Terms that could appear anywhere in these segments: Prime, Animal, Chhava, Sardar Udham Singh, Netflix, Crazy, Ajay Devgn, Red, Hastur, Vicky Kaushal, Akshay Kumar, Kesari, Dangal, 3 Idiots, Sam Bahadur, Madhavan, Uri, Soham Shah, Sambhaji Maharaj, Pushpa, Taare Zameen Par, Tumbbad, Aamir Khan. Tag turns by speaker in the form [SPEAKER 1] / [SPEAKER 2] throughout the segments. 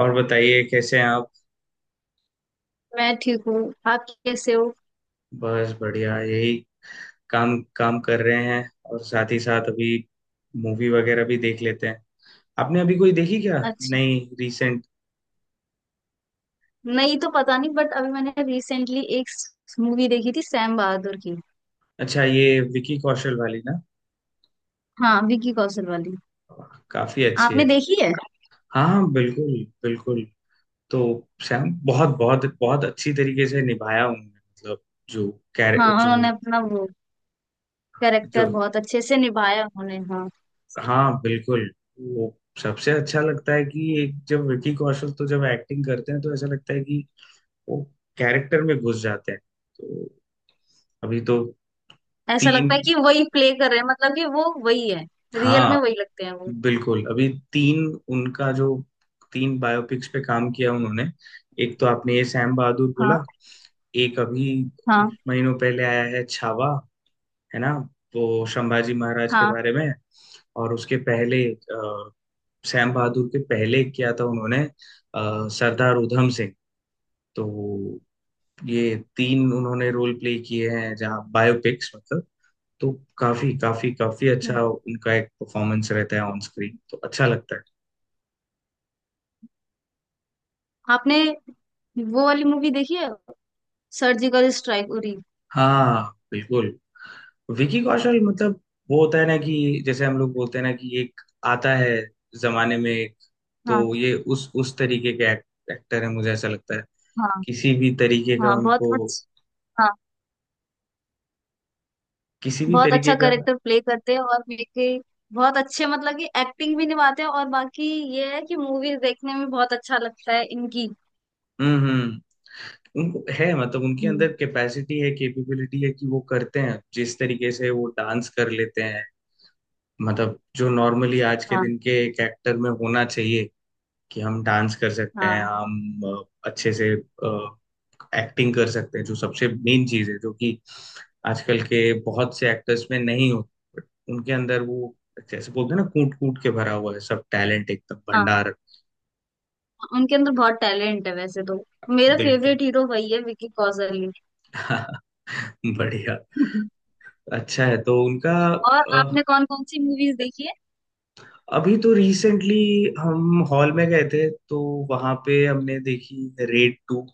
[SPEAKER 1] और बताइए कैसे हैं आप।
[SPEAKER 2] मैं ठीक हूँ। आप कैसे हो?
[SPEAKER 1] बस बढ़िया, यही काम काम कर रहे हैं और साथ ही साथ अभी मूवी वगैरह भी देख लेते हैं। आपने अभी कोई देखी क्या?
[SPEAKER 2] अच्छा,
[SPEAKER 1] नहीं, रिसेंट?
[SPEAKER 2] नहीं तो पता नहीं बट अभी मैंने रिसेंटली एक मूवी देखी थी, सैम बहादुर की।
[SPEAKER 1] अच्छा, ये विकी कौशल वाली ना,
[SPEAKER 2] हाँ, विकी कौशल वाली।
[SPEAKER 1] काफी अच्छी है।
[SPEAKER 2] आपने देखी है?
[SPEAKER 1] हाँ हाँ, बिल्कुल बिल्कुल। तो सैम बहुत बहुत बहुत अच्छी तरीके से निभाया उन्होंने, मतलब जो कैर
[SPEAKER 2] हाँ,
[SPEAKER 1] जो
[SPEAKER 2] उन्होंने अपना वो कैरेक्टर
[SPEAKER 1] जो,
[SPEAKER 2] बहुत अच्छे से निभाया उन्होंने, हाँ।
[SPEAKER 1] हाँ बिल्कुल, वो सबसे अच्छा लगता है कि एक जब विकी कौशल, तो जब एक्टिंग करते हैं तो ऐसा लगता है कि वो कैरेक्टर में घुस जाते हैं। तो अभी तो
[SPEAKER 2] ऐसा
[SPEAKER 1] तीन,
[SPEAKER 2] लगता है कि वही प्ले कर रहे हैं, मतलब कि वो वही है, रियल में
[SPEAKER 1] हाँ
[SPEAKER 2] वही लगते हैं वो।
[SPEAKER 1] बिल्कुल, अभी तीन उनका जो, तीन बायोपिक्स पे काम किया उन्होंने। एक तो आपने ये सैम बहादुर
[SPEAKER 2] हाँ,
[SPEAKER 1] बोला, एक अभी
[SPEAKER 2] हाँ,
[SPEAKER 1] कुछ महीनों पहले आया है छावा, है ना, वो संभाजी महाराज के
[SPEAKER 2] हाँ,
[SPEAKER 1] बारे में। और उसके पहले सैम बहादुर के पहले किया था उन्होंने सरदार उधम सिंह। तो ये तीन उन्होंने रोल प्ले किए हैं जहाँ बायोपिक्स, मतलब, तो काफी काफी काफी
[SPEAKER 2] हाँ।
[SPEAKER 1] अच्छा उनका एक परफॉर्मेंस रहता है ऑन स्क्रीन, तो अच्छा लगता है।
[SPEAKER 2] आपने वो वाली मूवी देखी है, सर्जिकल स्ट्राइक उरी?
[SPEAKER 1] हाँ बिल्कुल, विकी कौशल, मतलब वो होता है ना, कि जैसे हम लोग बोलते हैं ना कि एक आता है जमाने में एक,
[SPEAKER 2] हाँ,
[SPEAKER 1] तो ये उस तरीके के एक्टर है, मुझे ऐसा लगता है।
[SPEAKER 2] हाँ,
[SPEAKER 1] किसी भी तरीके का
[SPEAKER 2] हाँ, बहुत
[SPEAKER 1] उनको,
[SPEAKER 2] अच्छा।
[SPEAKER 1] किसी भी
[SPEAKER 2] बहुत
[SPEAKER 1] तरीके
[SPEAKER 2] अच्छा
[SPEAKER 1] का।
[SPEAKER 2] कैरेक्टर प्ले करते हैं, और मेरे बहुत अच्छे मतलब कि एक्टिंग भी निभाते हैं, और बाकी ये है कि मूवीज देखने में बहुत अच्छा लगता है इनकी।
[SPEAKER 1] हम्म। उनको है, मतलब उनके
[SPEAKER 2] हम्म,
[SPEAKER 1] अंदर कैपेसिटी है, कैपेबिलिटी है, कि वो करते हैं, जिस तरीके से वो डांस कर लेते हैं, मतलब जो नॉर्मली आज के
[SPEAKER 2] हाँ,
[SPEAKER 1] दिन के एक एक्टर में होना चाहिए, कि हम डांस कर सकते हैं,
[SPEAKER 2] हाँ।
[SPEAKER 1] हम अच्छे से एक्टिंग कर सकते हैं, जो सबसे मेन चीज है, जो कि आजकल के बहुत से एक्टर्स में नहीं होती। बट उनके अंदर वो, जैसे बोलते हैं ना, कूट कूट के भरा हुआ है, सब टैलेंट एकदम
[SPEAKER 2] हाँ,
[SPEAKER 1] भंडार।
[SPEAKER 2] उनके अंदर बहुत टैलेंट है वैसे तो। मेरा
[SPEAKER 1] बिल्कुल
[SPEAKER 2] फेवरेट हीरो वही है, विकी कौशल ही।
[SPEAKER 1] बढ़िया। अच्छा है तो उनका।
[SPEAKER 2] और आपने कौन कौन सी मूवीज देखी है?
[SPEAKER 1] अभी तो रिसेंटली हम हॉल में गए थे, तो वहां पे हमने देखी रेड टू,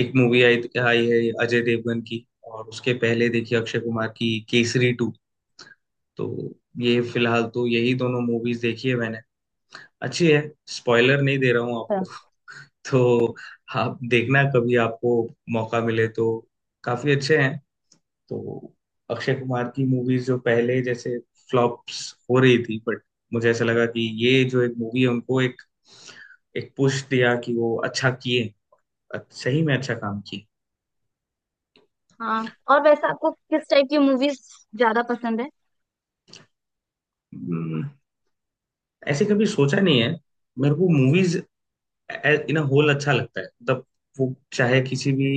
[SPEAKER 1] एक मूवी आई आई है, अजय देवगन की। और उसके पहले देखी अक्षय कुमार की केसरी टू। तो ये फिलहाल तो यही दोनों मूवीज देखी है मैंने। अच्छी है। स्पॉइलर नहीं दे रहा हूँ आपको
[SPEAKER 2] बस।
[SPEAKER 1] तो आप देखना, कभी आपको मौका मिले तो, काफी अच्छे हैं। तो अक्षय कुमार की मूवीज जो पहले जैसे फ्लॉप्स हो रही थी, बट मुझे ऐसा लगा कि ये जो एक मूवी है उनको एक, एक पुश दिया कि वो अच्छा किए, सही में अच्छा काम किए।
[SPEAKER 2] हाँ, और वैसे आपको किस टाइप की मूवीज ज्यादा पसंद है?
[SPEAKER 1] हम्म, ऐसे कभी सोचा नहीं है, मेरे को मूवीज इन होल अच्छा लगता है, मतलब वो चाहे किसी भी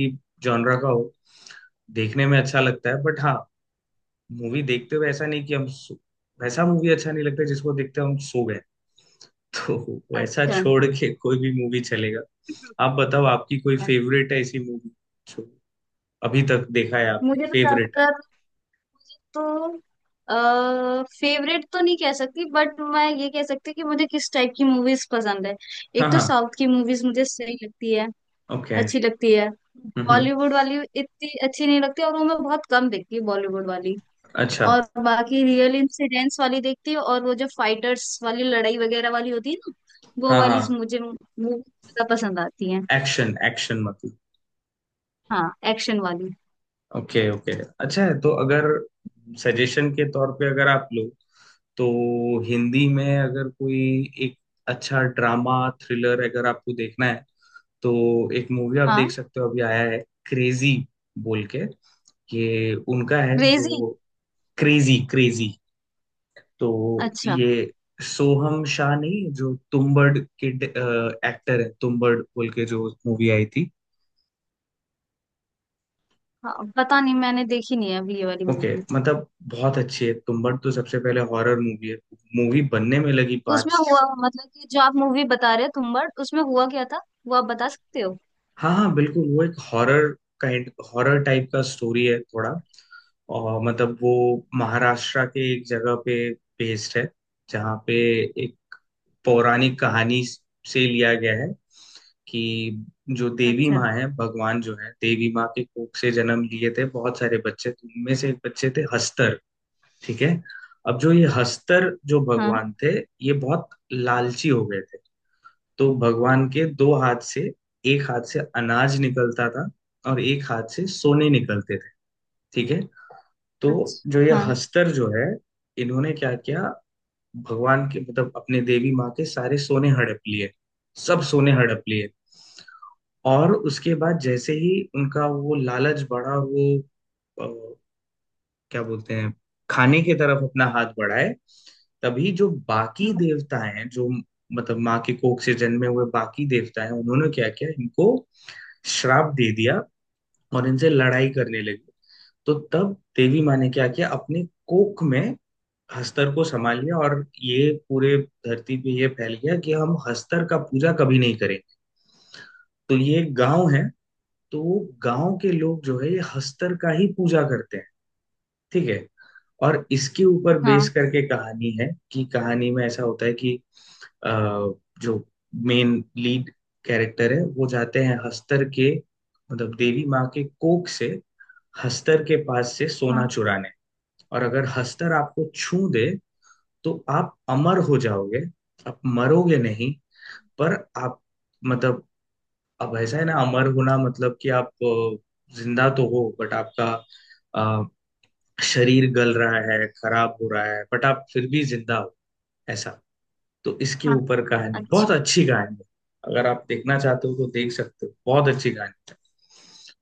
[SPEAKER 1] जॉनरा का हो, देखने में अच्छा लगता है। बट हाँ, मूवी देखते हुए ऐसा नहीं कि वैसा मूवी अच्छा नहीं लगता जिसको देखते हुए हम सो गए। तो वैसा
[SPEAKER 2] अच्छा।
[SPEAKER 1] छोड़ के कोई भी मूवी चलेगा। आप बताओ, आपकी कोई फेवरेट है ऐसी मूवी जो अभी तक देखा है आप?
[SPEAKER 2] मुझे तो
[SPEAKER 1] फेवरेट।
[SPEAKER 2] ज्यादातर तो फेवरेट तो नहीं कह सकती, बट मैं ये कह सकती हूँ कि मुझे किस टाइप की मूवीज पसंद है।
[SPEAKER 1] हाँ
[SPEAKER 2] एक तो
[SPEAKER 1] हाँ।
[SPEAKER 2] साउथ की मूवीज मुझे सही लगती है,
[SPEAKER 1] ओके।
[SPEAKER 2] अच्छी लगती है।
[SPEAKER 1] हम्म।
[SPEAKER 2] बॉलीवुड वाली इतनी अच्छी नहीं लगती, और वो मैं बहुत कम देखती हूँ बॉलीवुड वाली।
[SPEAKER 1] अच्छा।
[SPEAKER 2] और बाकी रियल इंसिडेंट्स वाली देखती हूँ, और वो जो फाइटर्स वाली लड़ाई वगैरह वाली होती है ना, वो
[SPEAKER 1] हाँ हाँ,
[SPEAKER 2] वाली मुझे मूवी ज्यादा पसंद आती है।
[SPEAKER 1] एक्शन एक्शन, मतलब।
[SPEAKER 2] हाँ, एक्शन वाली।
[SPEAKER 1] Okay okay. अच्छा है, तो अगर सजेशन के तौर पे अगर आप लो, तो हिंदी में अगर कोई एक अच्छा ड्रामा थ्रिलर अगर आपको देखना है, तो एक मूवी आप देख
[SPEAKER 2] हाँ,
[SPEAKER 1] सकते हो, अभी आया है क्रेजी बोल के। ये उनका है जो,
[SPEAKER 2] क्रेजी।
[SPEAKER 1] क्रेजी क्रेजी तो
[SPEAKER 2] अच्छा,
[SPEAKER 1] ये सोहम शाह, नहीं जो तुम्बड़ के एक्टर है, तुम्बड़ बोल के जो मूवी आई थी।
[SPEAKER 2] हाँ, पता नहीं, मैंने देखी नहीं है अभी ये वाली
[SPEAKER 1] ओके,
[SPEAKER 2] मूवी।
[SPEAKER 1] मतलब बहुत अच्छी है तुम्बड़ तो, सबसे पहले हॉरर मूवी है, मूवी बनने में लगी
[SPEAKER 2] उसमें
[SPEAKER 1] पाँच।
[SPEAKER 2] हुआ, मतलब कि जो आप मूवी बता रहे हो तुम्बाड़, उसमें हुआ क्या था वो आप बता सकते हो?
[SPEAKER 1] हाँ हाँ बिल्कुल, वो एक हॉरर काइंड, हॉरर टाइप का स्टोरी है थोड़ा। और मतलब वो महाराष्ट्र के एक जगह पे बेस्ड है, जहाँ पे एक पौराणिक कहानी से लिया गया है, कि जो देवी
[SPEAKER 2] अच्छा,
[SPEAKER 1] माँ है, भगवान जो है, देवी माँ के कोख से जन्म लिए थे बहुत सारे बच्चे, तो उनमें से एक बच्चे थे हस्तर। ठीक है। अब जो ये हस्तर जो
[SPEAKER 2] हाँ।
[SPEAKER 1] भगवान थे, ये बहुत लालची हो गए थे। तो भगवान के दो हाथ से, एक हाथ से अनाज निकलता था और एक हाथ से सोने निकलते थे। ठीक है। तो जो ये
[SPEAKER 2] अच्छा, हाँ,
[SPEAKER 1] हस्तर जो है, इन्होंने क्या किया, भगवान के, मतलब अपने देवी माँ के सारे सोने हड़प लिए। सब सोने हड़प लिए। और उसके बाद जैसे ही उनका वो लालच बढ़ा, वो अ, क्या बोलते हैं, खाने की तरफ अपना हाथ बढ़ाए, तभी जो बाकी
[SPEAKER 2] हाँ,
[SPEAKER 1] देवता हैं, जो मतलब माँ के कोख से जन्मे हुए बाकी देवता हैं, उन्होंने क्या किया इनको, श्राप दे दिया और इनसे लड़ाई करने लगे। तो तब देवी माँ ने क्या किया, अपने कोख में हस्तर को संभाल लिया, और ये पूरे धरती पे ये फैल गया कि हम हस्तर का पूजा कभी नहीं करें। तो ये एक गांव है, तो गांव के लोग जो है, ये हस्तर का ही पूजा करते हैं। ठीक है। और इसके ऊपर बेस
[SPEAKER 2] हाँ,
[SPEAKER 1] करके कहानी है कि, कहानी में ऐसा होता है कि, अ, जो मेन लीड कैरेक्टर है, वो जाते हैं हस्तर के, मतलब देवी माँ के कोख से हस्तर के पास से सोना
[SPEAKER 2] हाँ,
[SPEAKER 1] चुराने। और अगर हस्तर आपको छू दे, तो आप अमर हो जाओगे, आप मरोगे नहीं। पर आप, मतलब, अब ऐसा है ना, अमर होना मतलब कि आप जिंदा तो हो बट आपका अ, शरीर गल रहा है, खराब हो रहा है, बट आप फिर भी जिंदा हो, ऐसा। तो इसके
[SPEAKER 2] हाँ।
[SPEAKER 1] ऊपर कहानी, बहुत
[SPEAKER 2] अच्छा,
[SPEAKER 1] अच्छी कहानी है। अगर आप देखना चाहते हो तो देख सकते हो, बहुत अच्छी कहानी है।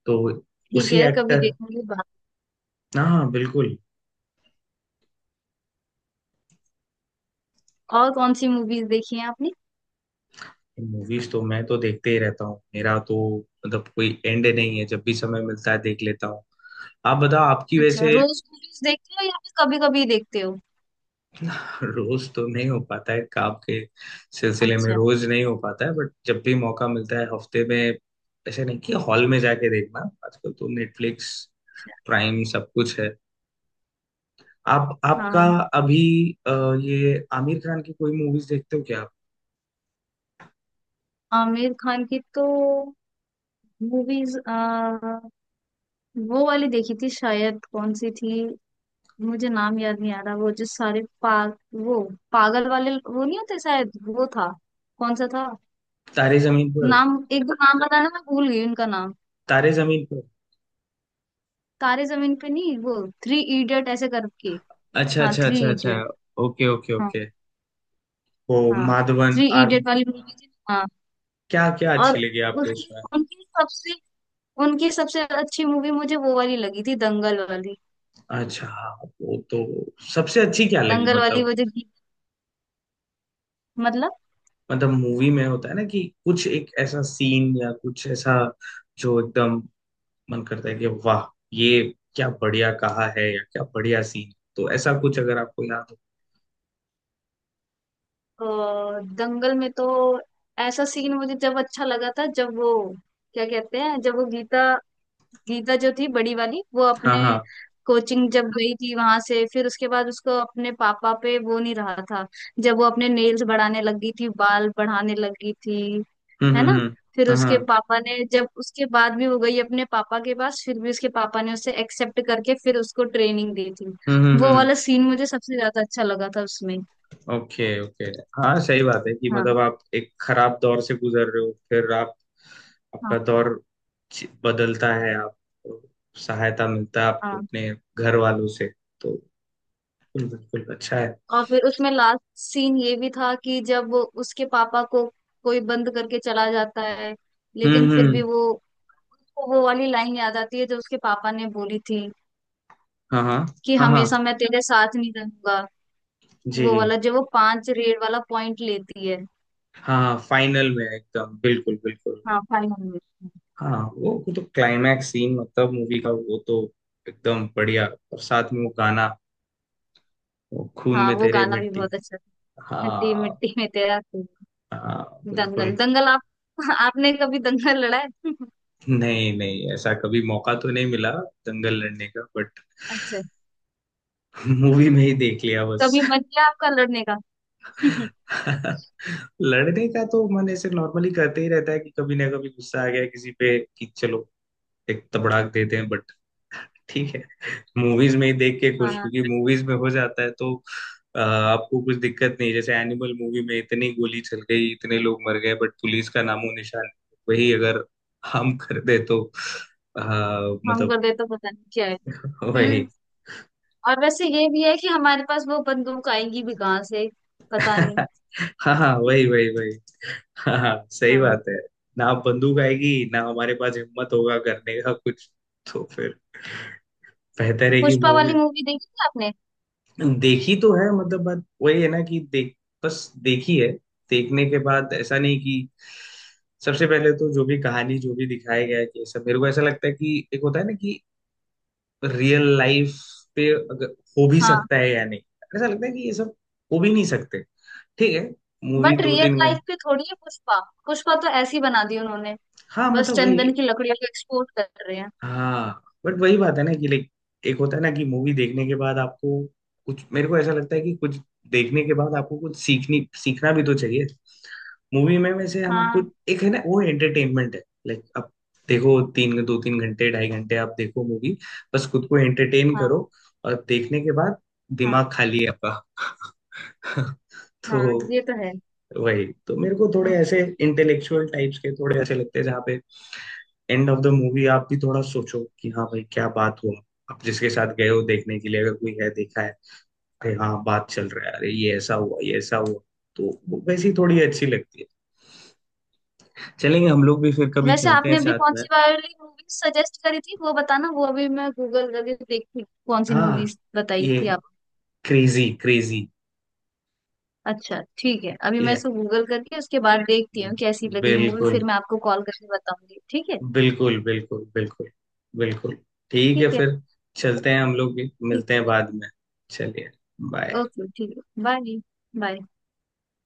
[SPEAKER 1] तो
[SPEAKER 2] ठीक
[SPEAKER 1] उसी
[SPEAKER 2] है, कभी
[SPEAKER 1] एक्टर,
[SPEAKER 2] देखेंगे बात।
[SPEAKER 1] हाँ बिल्कुल।
[SPEAKER 2] और कौन सी मूवीज देखी हैं आपने?
[SPEAKER 1] मूवीज तो मैं तो देखते ही रहता हूँ, मेरा तो मतलब कोई एंड नहीं है, जब भी समय मिलता है देख लेता हूँ। आप बताओ आपकी
[SPEAKER 2] अच्छा,
[SPEAKER 1] वैसे।
[SPEAKER 2] रोज मूवीज देखते हो या फिर कभी कभी देखते हो?
[SPEAKER 1] रोज तो नहीं हो पाता है, काम के सिलसिले में
[SPEAKER 2] अच्छा,
[SPEAKER 1] रोज नहीं हो पाता है, बट जब भी मौका मिलता है, हफ्ते में, ऐसे नहीं कि हॉल में जाके देखना, आजकल तो नेटफ्लिक्स
[SPEAKER 2] अच्छा,
[SPEAKER 1] प्राइम सब कुछ है। आप, आपका
[SPEAKER 2] हाँ।
[SPEAKER 1] अभी, ये आमिर खान की कोई मूवीज देखते हो क्या आप?
[SPEAKER 2] आमिर खान की तो मूवीज वो वाली देखी थी, शायद कौन सी थी, मुझे नाम याद नहीं आ रहा। वो जो सारे वो पागल वाले वो नहीं होते, शायद वो था। कौन सा था?
[SPEAKER 1] तारे जमीन पर।
[SPEAKER 2] नाम, एक दो नाम बताना, मैं भूल गई उनका नाम।
[SPEAKER 1] तारे जमीन पर।
[SPEAKER 2] तारे जमीन पे नहीं, वो थ्री इडियट ऐसे करके।
[SPEAKER 1] अच्छा
[SPEAKER 2] हाँ,
[SPEAKER 1] अच्छा
[SPEAKER 2] थ्री
[SPEAKER 1] अच्छा अच्छा।
[SPEAKER 2] इडियट।
[SPEAKER 1] ओके ओके
[SPEAKER 2] हाँ,
[SPEAKER 1] ओके। वो
[SPEAKER 2] हाँ,
[SPEAKER 1] माधवन
[SPEAKER 2] थ्री
[SPEAKER 1] आर,
[SPEAKER 2] इडियट वाली मूवी थी, हाँ।
[SPEAKER 1] क्या क्या
[SPEAKER 2] और
[SPEAKER 1] अच्छी लगी आपको
[SPEAKER 2] उसकी
[SPEAKER 1] उसमें?
[SPEAKER 2] उनकी सबसे अच्छी मूवी मुझे वो वाली लगी थी, दंगल वाली।
[SPEAKER 1] अच्छा हाँ, वो तो सबसे अच्छी क्या लगी,
[SPEAKER 2] दंगल वाली
[SPEAKER 1] मतलब,
[SPEAKER 2] वो जो गीत- मतलब,
[SPEAKER 1] मतलब मूवी में होता है ना कि कुछ एक ऐसा सीन, या कुछ ऐसा जो एकदम मन करता है कि वाह, ये क्या बढ़िया कहा है, या क्या बढ़िया सीन, तो ऐसा कुछ अगर आपको याद हो।
[SPEAKER 2] और दंगल में तो ऐसा सीन मुझे जब अच्छा लगा था जब वो, क्या कहते हैं, जब वो गीता गीता जो थी बड़ी वाली, वो
[SPEAKER 1] हाँ
[SPEAKER 2] अपने
[SPEAKER 1] हाँ।
[SPEAKER 2] कोचिंग जब गई थी, वहां से फिर उसके बाद उसको अपने पापा पे वो नहीं रहा था, जब वो अपने नेल्स बढ़ाने लगी थी, बाल बढ़ाने लगी थी,
[SPEAKER 1] हम्म
[SPEAKER 2] है ना?
[SPEAKER 1] हम्म हम्म
[SPEAKER 2] फिर
[SPEAKER 1] हाँ
[SPEAKER 2] उसके
[SPEAKER 1] हाँ।
[SPEAKER 2] पापा ने, जब उसके बाद भी वो गई अपने पापा के पास, फिर भी उसके पापा ने उसे एक्सेप्ट करके फिर उसको ट्रेनिंग दी थी।
[SPEAKER 1] हम्म हम्म
[SPEAKER 2] वो
[SPEAKER 1] हम्म
[SPEAKER 2] वाला सीन मुझे सबसे ज्यादा अच्छा लगा था उसमें।
[SPEAKER 1] Okay okay. हाँ सही बात है कि,
[SPEAKER 2] हाँ,
[SPEAKER 1] मतलब आप एक खराब दौर से गुजर रहे हो, फिर आप, आपका
[SPEAKER 2] हाँ,
[SPEAKER 1] दौर बदलता है, आप सहायता मिलता है आपको
[SPEAKER 2] हाँ।
[SPEAKER 1] अपने घर वालों से। तो बिल्कुल बिल्कुल, अच्छा है।
[SPEAKER 2] और फिर उसमें लास्ट सीन ये भी था कि जब वो, उसके पापा को कोई बंद करके चला जाता है, लेकिन
[SPEAKER 1] हम्म
[SPEAKER 2] फिर भी
[SPEAKER 1] हम्म
[SPEAKER 2] वो, उसको वो वाली लाइन याद आती है जो उसके पापा ने बोली थी
[SPEAKER 1] हाँ हाँ।
[SPEAKER 2] कि
[SPEAKER 1] हाँ हाँ।
[SPEAKER 2] हमेशा मैं तेरे साथ नहीं रहूंगा। वो
[SPEAKER 1] जी।
[SPEAKER 2] वाला जो वो पांच रेड वाला पॉइंट लेती है।
[SPEAKER 1] हाँ फाइनल में एकदम, बिल्कुल बिल्कुल।
[SPEAKER 2] हाँ, फाइनल में।
[SPEAKER 1] हाँ वो तो क्लाइमैक्स सीन, मतलब मूवी का, वो तो एकदम बढ़िया। और साथ में वो गाना, वो खून
[SPEAKER 2] हाँ,
[SPEAKER 1] में
[SPEAKER 2] वो
[SPEAKER 1] तेरे
[SPEAKER 2] गाना भी
[SPEAKER 1] मिट्टी।
[SPEAKER 2] बहुत अच्छा था। मिट्टी,
[SPEAKER 1] हाँ
[SPEAKER 2] मिट्टी में तेरा खून।
[SPEAKER 1] हाँ
[SPEAKER 2] दंगल
[SPEAKER 1] बिल्कुल।
[SPEAKER 2] दंगल आप। आपने कभी दंगल लड़ा है?
[SPEAKER 1] नहीं नहीं, ऐसा कभी मौका तो नहीं मिला दंगल लड़ने का, बट
[SPEAKER 2] अच्छा,
[SPEAKER 1] मूवी में ही देख लिया बस।
[SPEAKER 2] कभी मन किया आपका लड़ने का?
[SPEAKER 1] लड़ने का तो मन ऐसे नॉर्मली करते ही रहता है कि कभी ना कभी गुस्सा आ गया किसी पे कि चलो एक तबड़ाक देते हैं, बट ठीक है, मूवीज में ही देख के खुश,
[SPEAKER 2] हाँ,
[SPEAKER 1] क्योंकि मूवीज में हो जाता है तो आपको कुछ दिक्कत नहीं, जैसे एनिमल मूवी में इतनी गोली चल गई, इतने लोग मर गए, बट पुलिस का नामो निशान नहीं। वही अगर हम कर दे तो अ,
[SPEAKER 2] हम
[SPEAKER 1] मतलब,
[SPEAKER 2] कर दे तो पता नहीं क्या है। हम्म,
[SPEAKER 1] वही।
[SPEAKER 2] और वैसे ये भी है कि हमारे पास वो बंदूक आएंगी भी कहाँ से, पता नहीं।
[SPEAKER 1] हाँ हाँ, वही वही वही हाँ हाँ, सही
[SPEAKER 2] हाँ,
[SPEAKER 1] बात है। ना बंदूक आएगी, ना हमारे पास हिम्मत होगा करने का कुछ। तो फिर बेहतर है कि
[SPEAKER 2] पुष्पा
[SPEAKER 1] मूवी।
[SPEAKER 2] वाली मूवी देखी है आपने?
[SPEAKER 1] देखी तो है, मतलब बात वही है ना कि देख, बस देखी है, देखने के बाद ऐसा नहीं कि, सबसे पहले तो जो भी कहानी जो भी दिखाया गया है कि, सब मेरे को ऐसा लगता है कि, एक होता है ना कि रियल लाइफ पे अगर हो भी
[SPEAKER 2] हाँ,
[SPEAKER 1] सकता है या नहीं, ऐसा लगता है कि ये सब हो भी नहीं सकते। ठीक है, मूवी
[SPEAKER 2] बट
[SPEAKER 1] दो
[SPEAKER 2] रियल
[SPEAKER 1] तीन
[SPEAKER 2] लाइफ
[SPEAKER 1] घंटे।
[SPEAKER 2] पे थोड़ी है पुष्पा, पुष्पा तो ऐसी बना दी उन्होंने,
[SPEAKER 1] हाँ
[SPEAKER 2] बस
[SPEAKER 1] मतलब
[SPEAKER 2] चंदन
[SPEAKER 1] वही।
[SPEAKER 2] की लकड़ियों को एक्सपोर्ट कर रहे हैं।
[SPEAKER 1] हाँ, बट वही बात है ना कि लाइक, एक होता है ना कि मूवी देखने के बाद आपको कुछ, मेरे को ऐसा लगता है कि कुछ देखने के बाद आपको कुछ सीखनी सीखना भी तो चाहिए। मूवी में वैसे हम
[SPEAKER 2] हाँ,
[SPEAKER 1] कुछ एक है ना, वो एंटरटेनमेंट है, लाइक अब देखो, तीन दो तीन घंटे, ढाई घंटे आप देखो मूवी, बस खुद को एंटरटेन
[SPEAKER 2] हाँ,
[SPEAKER 1] करो। और देखने के बाद
[SPEAKER 2] हाँ।
[SPEAKER 1] दिमाग खाली है आपका
[SPEAKER 2] हाँ,
[SPEAKER 1] तो
[SPEAKER 2] ये तो है।
[SPEAKER 1] वही तो, मेरे को थोड़े
[SPEAKER 2] हम्म।
[SPEAKER 1] ऐसे इंटेलेक्चुअल टाइप्स के थोड़े ऐसे लगते हैं जहाँ पे एंड ऑफ द मूवी आप भी थोड़ा सोचो कि हाँ भाई क्या बात हुआ, आप जिसके साथ गए हो देखने के लिए अगर कोई है देखा है, अरे हाँ बात चल रहा है, अरे ये ऐसा हुआ, ये ऐसा हुआ। तो वो वैसी थोड़ी अच्छी लगती है। चलेंगे हम लोग भी, फिर कभी
[SPEAKER 2] वैसे
[SPEAKER 1] चलते हैं
[SPEAKER 2] आपने अभी
[SPEAKER 1] साथ
[SPEAKER 2] कौन
[SPEAKER 1] में।
[SPEAKER 2] सी वाली मूवी सजेस्ट करी थी, वो बताना, वो अभी मैं गूगल करके देखती हूँ, कौन सी
[SPEAKER 1] हाँ,
[SPEAKER 2] मूवीज बताई
[SPEAKER 1] ये
[SPEAKER 2] थी?
[SPEAKER 1] क्रेजी क्रेजी
[SPEAKER 2] अच्छा, ठीक है, अभी मैं
[SPEAKER 1] ये
[SPEAKER 2] इसको गूगल करके उसके बाद देखती हूँ कैसी लगी मूवी, फिर
[SPEAKER 1] बिल्कुल,
[SPEAKER 2] मैं आपको कॉल करके बताऊंगी, ठीक है?
[SPEAKER 1] बिल्कुल बिल्कुल बिल्कुल बिल्कुल ठीक है
[SPEAKER 2] ठीक है,
[SPEAKER 1] फिर, चलते हैं हम लोग भी,
[SPEAKER 2] ठीक
[SPEAKER 1] मिलते
[SPEAKER 2] है।
[SPEAKER 1] हैं बाद में। चलिए। बाय।
[SPEAKER 2] ओके, ठीक है, बाय। बाय।